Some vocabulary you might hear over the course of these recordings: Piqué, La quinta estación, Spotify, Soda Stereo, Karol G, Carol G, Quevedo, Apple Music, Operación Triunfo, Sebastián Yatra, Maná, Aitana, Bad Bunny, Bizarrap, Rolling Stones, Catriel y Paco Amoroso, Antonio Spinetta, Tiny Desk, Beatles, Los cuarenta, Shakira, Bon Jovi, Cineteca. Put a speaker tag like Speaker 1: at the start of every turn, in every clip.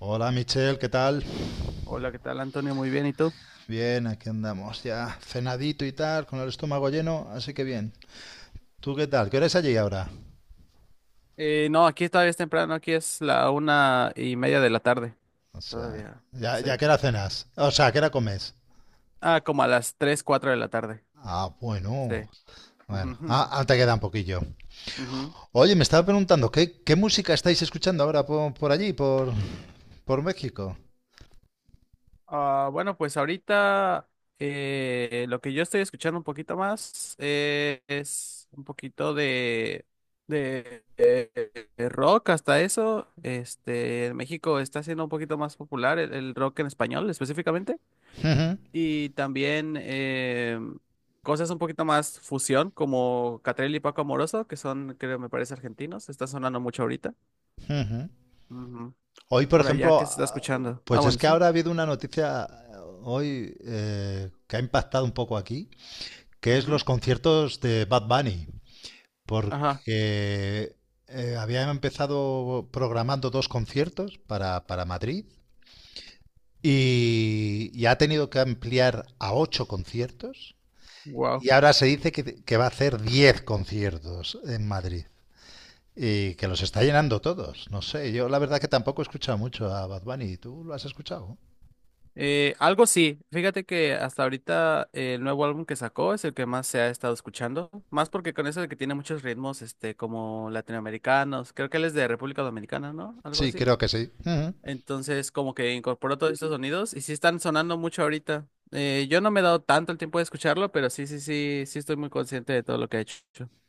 Speaker 1: Hola Michelle, ¿qué tal?
Speaker 2: Hola, ¿qué tal, Antonio? Muy bien, ¿y tú?
Speaker 1: Bien, aquí andamos ya cenadito y tal, con el estómago lleno, así que bien. ¿Tú qué tal? ¿Qué hora es allí ahora?
Speaker 2: No, aquí todavía es temprano, aquí es la 1:30 de la tarde.
Speaker 1: O sea,
Speaker 2: Todavía,
Speaker 1: ya
Speaker 2: sí.
Speaker 1: que era cenas. O sea, ¿qué hora comes?
Speaker 2: Ah, como a las tres, cuatro de la tarde.
Speaker 1: Ah, bueno.
Speaker 2: Sí.
Speaker 1: Bueno,
Speaker 2: Ujú,
Speaker 1: te queda un poquillo.
Speaker 2: ujú.
Speaker 1: Oye, me estaba preguntando, ¿qué música estáis escuchando ahora por allí, por México?
Speaker 2: Ah, bueno, pues ahorita lo que yo estoy escuchando un poquito más es un poquito de, de, eh, de rock hasta eso. Este, en México está siendo un poquito más popular el rock en español específicamente.
Speaker 1: Ujú,
Speaker 2: Y también cosas un poquito más fusión, como Catriel y Paco Amoroso, que son, creo, me parece, argentinos. Está sonando mucho ahorita.
Speaker 1: ujú.
Speaker 2: Ujú.
Speaker 1: Hoy, por
Speaker 2: Por allá,
Speaker 1: ejemplo,
Speaker 2: ¿qué se está escuchando? Ah,
Speaker 1: pues es
Speaker 2: bueno,
Speaker 1: que
Speaker 2: sí.
Speaker 1: ahora ha habido una noticia hoy que ha impactado un poco aquí, que es
Speaker 2: Ujú.
Speaker 1: los conciertos de Bad Bunny,
Speaker 2: Ajá.
Speaker 1: porque había empezado programando dos conciertos para Madrid y ha tenido que ampliar a ocho conciertos
Speaker 2: Wow.
Speaker 1: y ahora se dice que va a hacer diez conciertos en Madrid. Y que los está llenando todos. No sé, yo la verdad que tampoco he escuchado mucho a Bad Bunny. ¿Tú lo has escuchado?
Speaker 2: Algo sí. Fíjate que hasta ahorita el nuevo álbum que sacó es el que más se ha estado escuchando. Más porque con eso de que tiene muchos ritmos, este, como latinoamericanos. Creo que él es de República Dominicana, ¿no? Algo
Speaker 1: Sí,
Speaker 2: así.
Speaker 1: creo que sí. Ujú.
Speaker 2: Entonces, como que incorporó todos estos sonidos y sí están sonando mucho ahorita. Yo no me he dado tanto el tiempo de escucharlo, pero sí, sí, sí, sí estoy muy consciente de todo lo que ha hecho.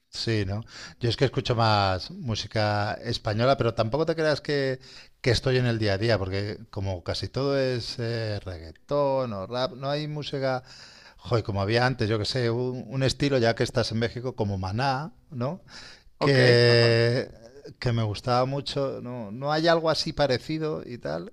Speaker 1: Sí, ¿no? Yo es que escucho más música española, pero tampoco te creas que estoy en el día a día, porque como casi todo es reggaetón o rap, no hay música, joy, como había antes, yo que sé, un estilo, ya que estás en México, como Maná, ¿no?
Speaker 2: Ok, ajá.
Speaker 1: Que, que me gustaba mucho, no, no hay algo así parecido y tal.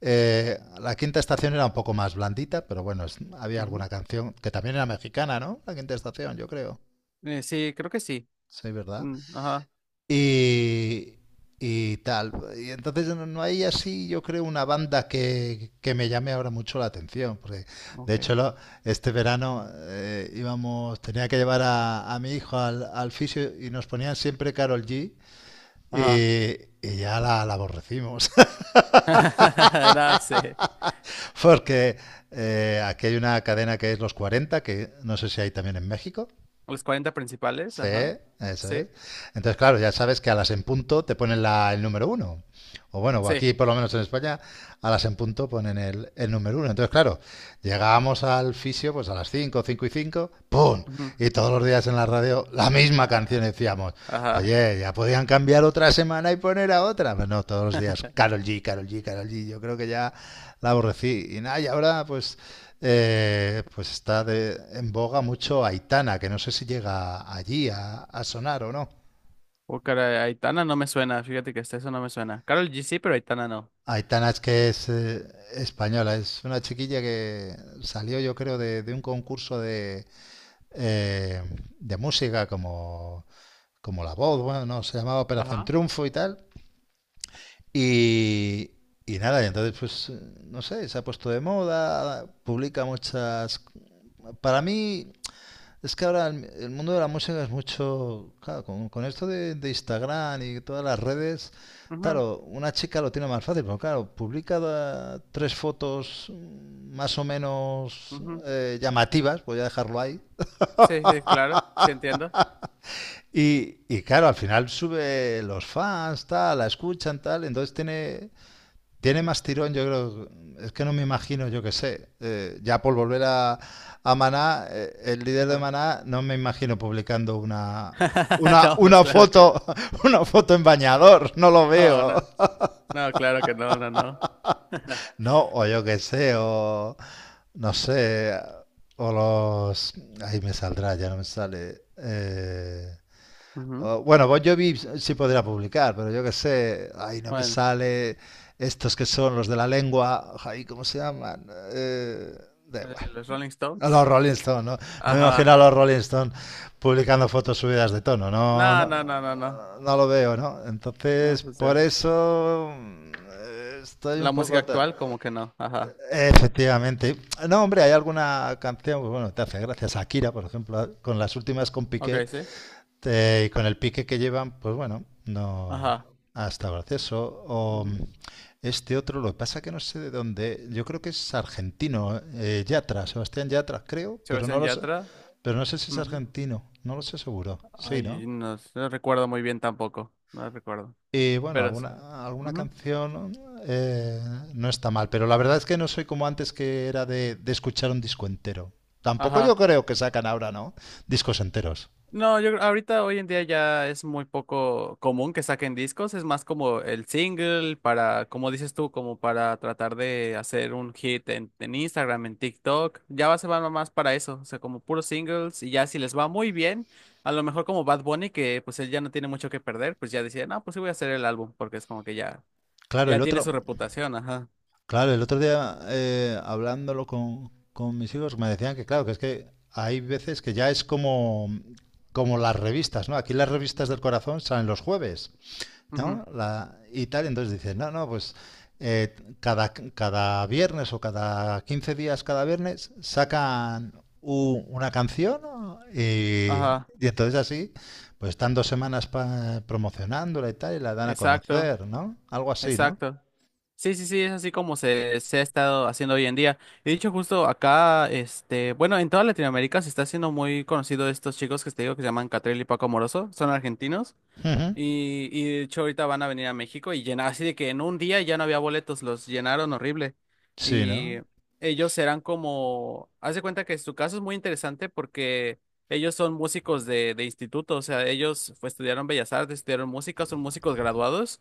Speaker 1: La quinta estación era un poco más blandita, pero bueno, había
Speaker 2: Ujú.
Speaker 1: alguna canción que también era mexicana, ¿no? La quinta estación, yo creo.
Speaker 2: Sí, creo que sí.
Speaker 1: Sí, ¿verdad?
Speaker 2: Mm, ajá,
Speaker 1: y, y tal. Y entonces no, no hay así, yo creo, una banda que me llame ahora mucho la atención. Porque de
Speaker 2: Ok,
Speaker 1: hecho, este verano íbamos, tenía que llevar a mi hijo al fisio y nos ponían siempre Carol G. Y,
Speaker 2: ajá.
Speaker 1: y ya la aborrecimos.
Speaker 2: No sé.
Speaker 1: Porque aquí hay una cadena que es Los Cuarenta, que no sé si hay también en México.
Speaker 2: Los 40 principales,
Speaker 1: Sí,
Speaker 2: ajá.
Speaker 1: eso es.
Speaker 2: Sí,
Speaker 1: Entonces, claro, ya sabes que a las en punto te ponen el número uno. O bueno, o
Speaker 2: sí.
Speaker 1: aquí por lo menos en España, a las en punto ponen el número uno. Entonces, claro, llegábamos al fisio pues a las 5, 5 y 5, ¡pum!
Speaker 2: Ujú.
Speaker 1: Y todos los días en la radio la misma canción
Speaker 2: Ajá,
Speaker 1: decíamos.
Speaker 2: ajá.
Speaker 1: Oye, ya podían cambiar otra semana y poner a otra. Pero no, todos los días, Carol G, Carol G, Carol G. Yo creo que ya la aborrecí. Y nada, y ahora pues pues está en boga mucho Aitana, que no sé si llega allí a sonar o no.
Speaker 2: Oh, caray, Aitana no me suena, fíjate que hasta eso no me suena. Karol G sí, pero Aitana no.
Speaker 1: Aitana es que es española, es una chiquilla que salió yo creo de un concurso eh, de música como, como La Voz, bueno, no, se llamaba Operación
Speaker 2: Ajá.
Speaker 1: Triunfo y tal. Y, y nada, y entonces pues no sé, se ha puesto de moda, publica muchas... Para mí, es que ahora el mundo de la música es mucho, claro, con esto de Instagram y todas las redes,
Speaker 2: Ujú,
Speaker 1: claro, una chica lo tiene más fácil, pero claro, publica tres fotos más o menos
Speaker 2: ujú.
Speaker 1: llamativas, voy a dejarlo ahí,
Speaker 2: Sí, sí, claro, sí entiendo.
Speaker 1: y claro, al final sube los fans, tal, la escuchan, tal, entonces tiene, tiene más tirón, yo creo. Es que no me imagino, yo qué sé. Ya por volver a Maná, el líder de
Speaker 2: Ajá.
Speaker 1: Maná, no me imagino publicando
Speaker 2: No, pues
Speaker 1: una
Speaker 2: claro que no.
Speaker 1: foto, una foto en bañador. No lo
Speaker 2: No,
Speaker 1: veo.
Speaker 2: no, no, claro que no, no, no.
Speaker 1: No, o yo qué sé, o no sé, o los. Ahí me saldrá, ya no me sale.
Speaker 2: Ujú.
Speaker 1: O, bueno, Bon Jovi sí podría publicar, pero yo qué sé, ay, no me
Speaker 2: Bueno,
Speaker 1: sale estos que son los de la lengua, ay, ¿cómo se llaman? Eh, Da igual.
Speaker 2: los Rolling
Speaker 1: A
Speaker 2: Stones.
Speaker 1: los Rolling Stones, ¿no? No me imagino a
Speaker 2: Ajá.
Speaker 1: los Rolling Stones publicando fotos subidas de tono, no,
Speaker 2: No, no, no, no, no.
Speaker 1: no, no lo veo, ¿no?
Speaker 2: No,
Speaker 1: Entonces,
Speaker 2: pues
Speaker 1: por
Speaker 2: ya.
Speaker 1: eso estoy
Speaker 2: La
Speaker 1: un
Speaker 2: música
Speaker 1: poco... ta-
Speaker 2: actual, como que no. Ajá.
Speaker 1: Efectivamente. No, hombre, hay alguna canción, pues bueno, te hace gracia. Shakira, por ejemplo, con las últimas con
Speaker 2: Ok,
Speaker 1: Piqué,
Speaker 2: sí.
Speaker 1: y con el pique que llevan, pues bueno, no
Speaker 2: Ajá.
Speaker 1: ha estado gracioso. O
Speaker 2: Ujú.
Speaker 1: este otro, lo que pasa que no sé de dónde, yo creo que es argentino, Yatra, Sebastián Yatra, creo, pero no
Speaker 2: Sebastián
Speaker 1: lo sé,
Speaker 2: Yatra.
Speaker 1: pero no sé si es
Speaker 2: Ujú.
Speaker 1: argentino, no lo sé seguro. Sí, ¿no?
Speaker 2: Ay, no, sé, no recuerdo muy bien tampoco. No recuerdo.
Speaker 1: Y bueno,
Speaker 2: Pero sí.
Speaker 1: alguna
Speaker 2: Ujú.
Speaker 1: canción eh, no está mal, pero la verdad es que no soy como antes que era de escuchar un disco entero. Tampoco yo
Speaker 2: Ajá.
Speaker 1: creo que sacan ahora, ¿no? Discos enteros.
Speaker 2: No, yo creo, ahorita hoy en día ya es muy poco común que saquen discos, es más como el single para, como dices tú, como para tratar de hacer un hit en Instagram, en TikTok, ya va, se van más para eso, o sea, como puros singles y ya si les va muy bien, a lo mejor como Bad Bunny, que pues él ya no tiene mucho que perder, pues ya decía, no, pues sí voy a hacer el álbum, porque es como que ya,
Speaker 1: Claro,
Speaker 2: ya
Speaker 1: el
Speaker 2: tiene
Speaker 1: otro,
Speaker 2: su reputación, ajá,
Speaker 1: Claro, el otro día hablándolo con mis hijos me decían que claro, que es que hay veces que ya es como, como las revistas, ¿no? Aquí las revistas del corazón salen los jueves,
Speaker 2: ujú,
Speaker 1: ¿no? La, y tal, entonces dicen, no, no, pues cada viernes o cada 15 días, cada viernes, sacan una canción, ¿no?
Speaker 2: ajá,
Speaker 1: Y entonces así, pues están dos semanas promocionándola y tal y la dan a
Speaker 2: exacto,
Speaker 1: conocer, ¿no? Algo así, ¿no?
Speaker 2: exacto. Sí, sí, sí, es así como se ha estado haciendo hoy en día. Y dicho justo acá, este, bueno, en toda Latinoamérica se está haciendo muy conocido estos chicos que te digo que se llaman Catril y Paco Moroso, son argentinos.
Speaker 1: Ujú.
Speaker 2: Y de hecho ahorita van a venir a México y llenar, así de que en un día ya no había boletos, los llenaron horrible.
Speaker 1: Sí,
Speaker 2: Y
Speaker 1: ¿no?
Speaker 2: ellos serán como, haz de cuenta que su caso es muy interesante porque ellos son músicos de, instituto, o sea, ellos pues, estudiaron Bellas Artes, estudiaron música, son músicos graduados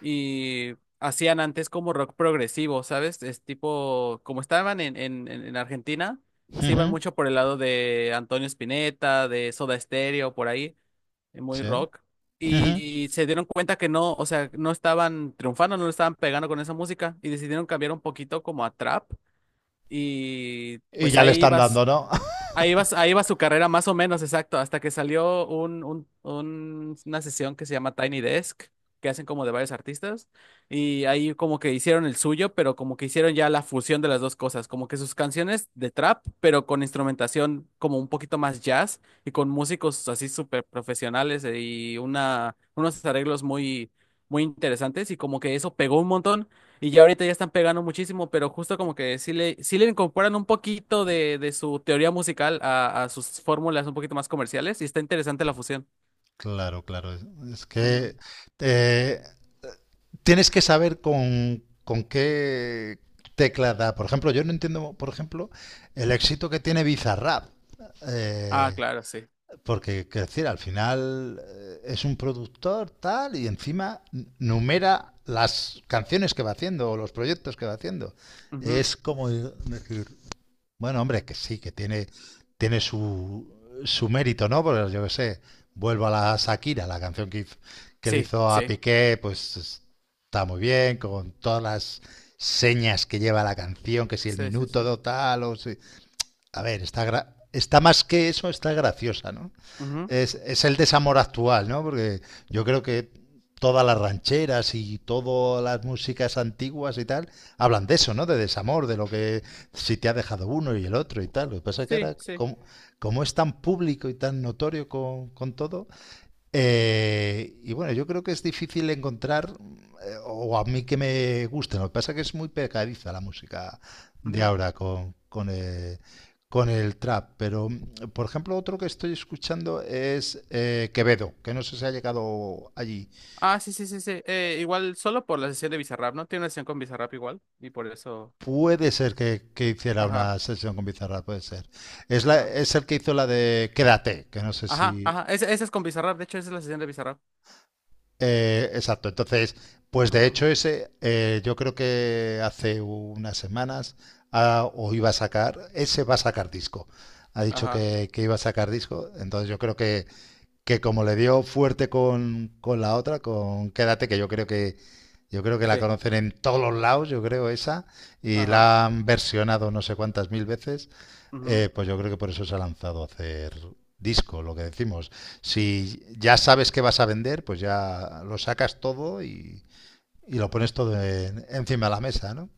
Speaker 2: y hacían antes como rock progresivo, ¿sabes? Es tipo, como estaban en, en Argentina, se iban
Speaker 1: Ujú,
Speaker 2: mucho por el lado de Antonio Spinetta, de Soda Stereo, por ahí, muy
Speaker 1: sí.
Speaker 2: rock.
Speaker 1: Ujú.
Speaker 2: Y se dieron cuenta que no, o sea, no estaban triunfando, no le estaban pegando con esa música y decidieron cambiar un poquito como a trap. Y
Speaker 1: Y
Speaker 2: pues
Speaker 1: ya le
Speaker 2: ahí
Speaker 1: están
Speaker 2: iba.
Speaker 1: dando, ¿no?
Speaker 2: Ahí va su carrera más o menos, exacto, hasta que salió una sesión que se llama Tiny Desk, que hacen como de varios artistas, y ahí como que hicieron el suyo, pero como que hicieron ya la fusión de las dos cosas, como que sus canciones de trap, pero con instrumentación como un poquito más jazz y con músicos así súper profesionales y unos arreglos muy, muy interesantes, y como que eso pegó un montón. Y ya ahorita ya están pegando muchísimo, pero justo como que sí le incorporan un poquito de su teoría musical a sus fórmulas un poquito más comerciales y está interesante la fusión.
Speaker 1: Claro, claro. Es, es
Speaker 2: Ujú.
Speaker 1: que eh, tienes que saber con qué tecla da. Por ejemplo, yo no entiendo, por ejemplo, el éxito que tiene Bizarrap.
Speaker 2: Ah,
Speaker 1: eh,
Speaker 2: claro, sí.
Speaker 1: Porque, quiero decir, al final es un productor tal y encima numera las canciones que va haciendo o los proyectos que va haciendo.
Speaker 2: Ujú.
Speaker 1: Es como decir, bueno, hombre, es que sí, que tiene, tiene su mérito, ¿no? Porque yo qué sé, vuelvo a la Shakira, la canción que le
Speaker 2: Sí,
Speaker 1: hizo a
Speaker 2: sí,
Speaker 1: Piqué, pues está muy bien, con todas las señas que lleva la canción, que si el
Speaker 2: sí, sí,
Speaker 1: minuto
Speaker 2: sí.
Speaker 1: do tal, o si, a ver, está, está más que eso, está graciosa, ¿no?
Speaker 2: Ujú.
Speaker 1: Es el desamor actual, ¿no? Porque yo creo que todas las rancheras y todas las músicas antiguas y tal hablan de eso, ¿no? De desamor, de lo que si te ha dejado uno y el otro y tal. Lo que pasa es que
Speaker 2: Sí,
Speaker 1: ahora,
Speaker 2: sí.
Speaker 1: como, como es tan público y tan notorio con todo, y bueno, yo creo que es difícil encontrar, o a mí que me guste, lo que pasa es que es muy pegadiza la música de
Speaker 2: Ujú.
Speaker 1: ahora con el trap, pero por ejemplo otro que estoy escuchando es Quevedo, que no sé si ha llegado allí.
Speaker 2: Ah, sí, sí, sí, sí. Igual solo por la sesión de Bizarrap, ¿no? Tiene una sesión con Bizarrap igual y por eso...
Speaker 1: Puede ser que hiciera
Speaker 2: Ajá,
Speaker 1: una sesión con Bizarra, puede ser. Es, la,
Speaker 2: ajá.
Speaker 1: es el que hizo la de Quédate, que no sé
Speaker 2: Ajá,
Speaker 1: si...
Speaker 2: ajá. Esa es con Bizarrap, de hecho esa es la sesión de Bizarrap.
Speaker 1: Exacto, entonces, pues de
Speaker 2: Ajá,
Speaker 1: hecho ese, yo creo que hace unas semanas ah, o iba a sacar, ese va a sacar disco. Ha dicho
Speaker 2: ajá.
Speaker 1: que iba a sacar disco, entonces yo creo que como le dio fuerte con la otra, con Quédate, que yo creo que, yo creo que la
Speaker 2: Sí,
Speaker 1: conocen en todos los lados, yo creo esa, y
Speaker 2: ajá.
Speaker 1: la han versionado no sé cuántas mil veces,
Speaker 2: Ujú.
Speaker 1: pues yo creo que por eso se ha lanzado a hacer disco, lo que decimos. Si ya sabes que vas a vender, pues ya lo sacas todo y lo pones todo encima de la mesa, ¿no?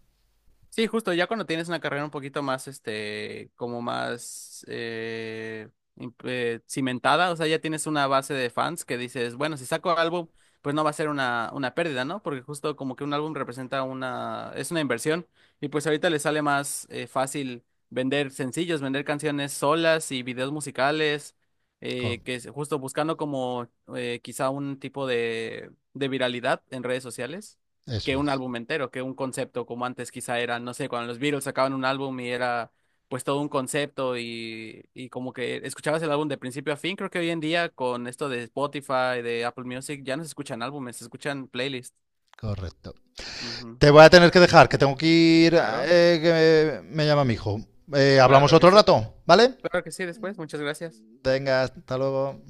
Speaker 2: Sí, justo, ya cuando tienes una carrera un poquito más, este, como más cimentada, o sea, ya tienes una base de fans que dices, bueno, si saco álbum, pues no va a ser una pérdida, ¿no? Porque justo como que un álbum representa es una inversión y pues ahorita le sale más fácil vender sencillos, vender canciones solas y videos musicales,
Speaker 1: Co-
Speaker 2: que es justo buscando como quizá un tipo de viralidad en redes sociales
Speaker 1: eso
Speaker 2: que un
Speaker 1: es,
Speaker 2: álbum entero, que un concepto, como antes quizá era, no sé, cuando los Beatles sacaban un álbum y era pues todo un concepto y como que escuchabas el álbum de principio a fin, creo que hoy en día con esto de Spotify, de Apple Music, ya no se escuchan álbumes, se escuchan playlists.
Speaker 1: correcto.
Speaker 2: Ujú.
Speaker 1: Te voy a tener que dejar, que tengo que ir,
Speaker 2: Claro,
Speaker 1: que me llama mi hijo. Hablamos
Speaker 2: claro que
Speaker 1: otro
Speaker 2: sí.
Speaker 1: rato, ¿vale?
Speaker 2: Claro que sí, después, muchas gracias.
Speaker 1: Venga, hasta luego.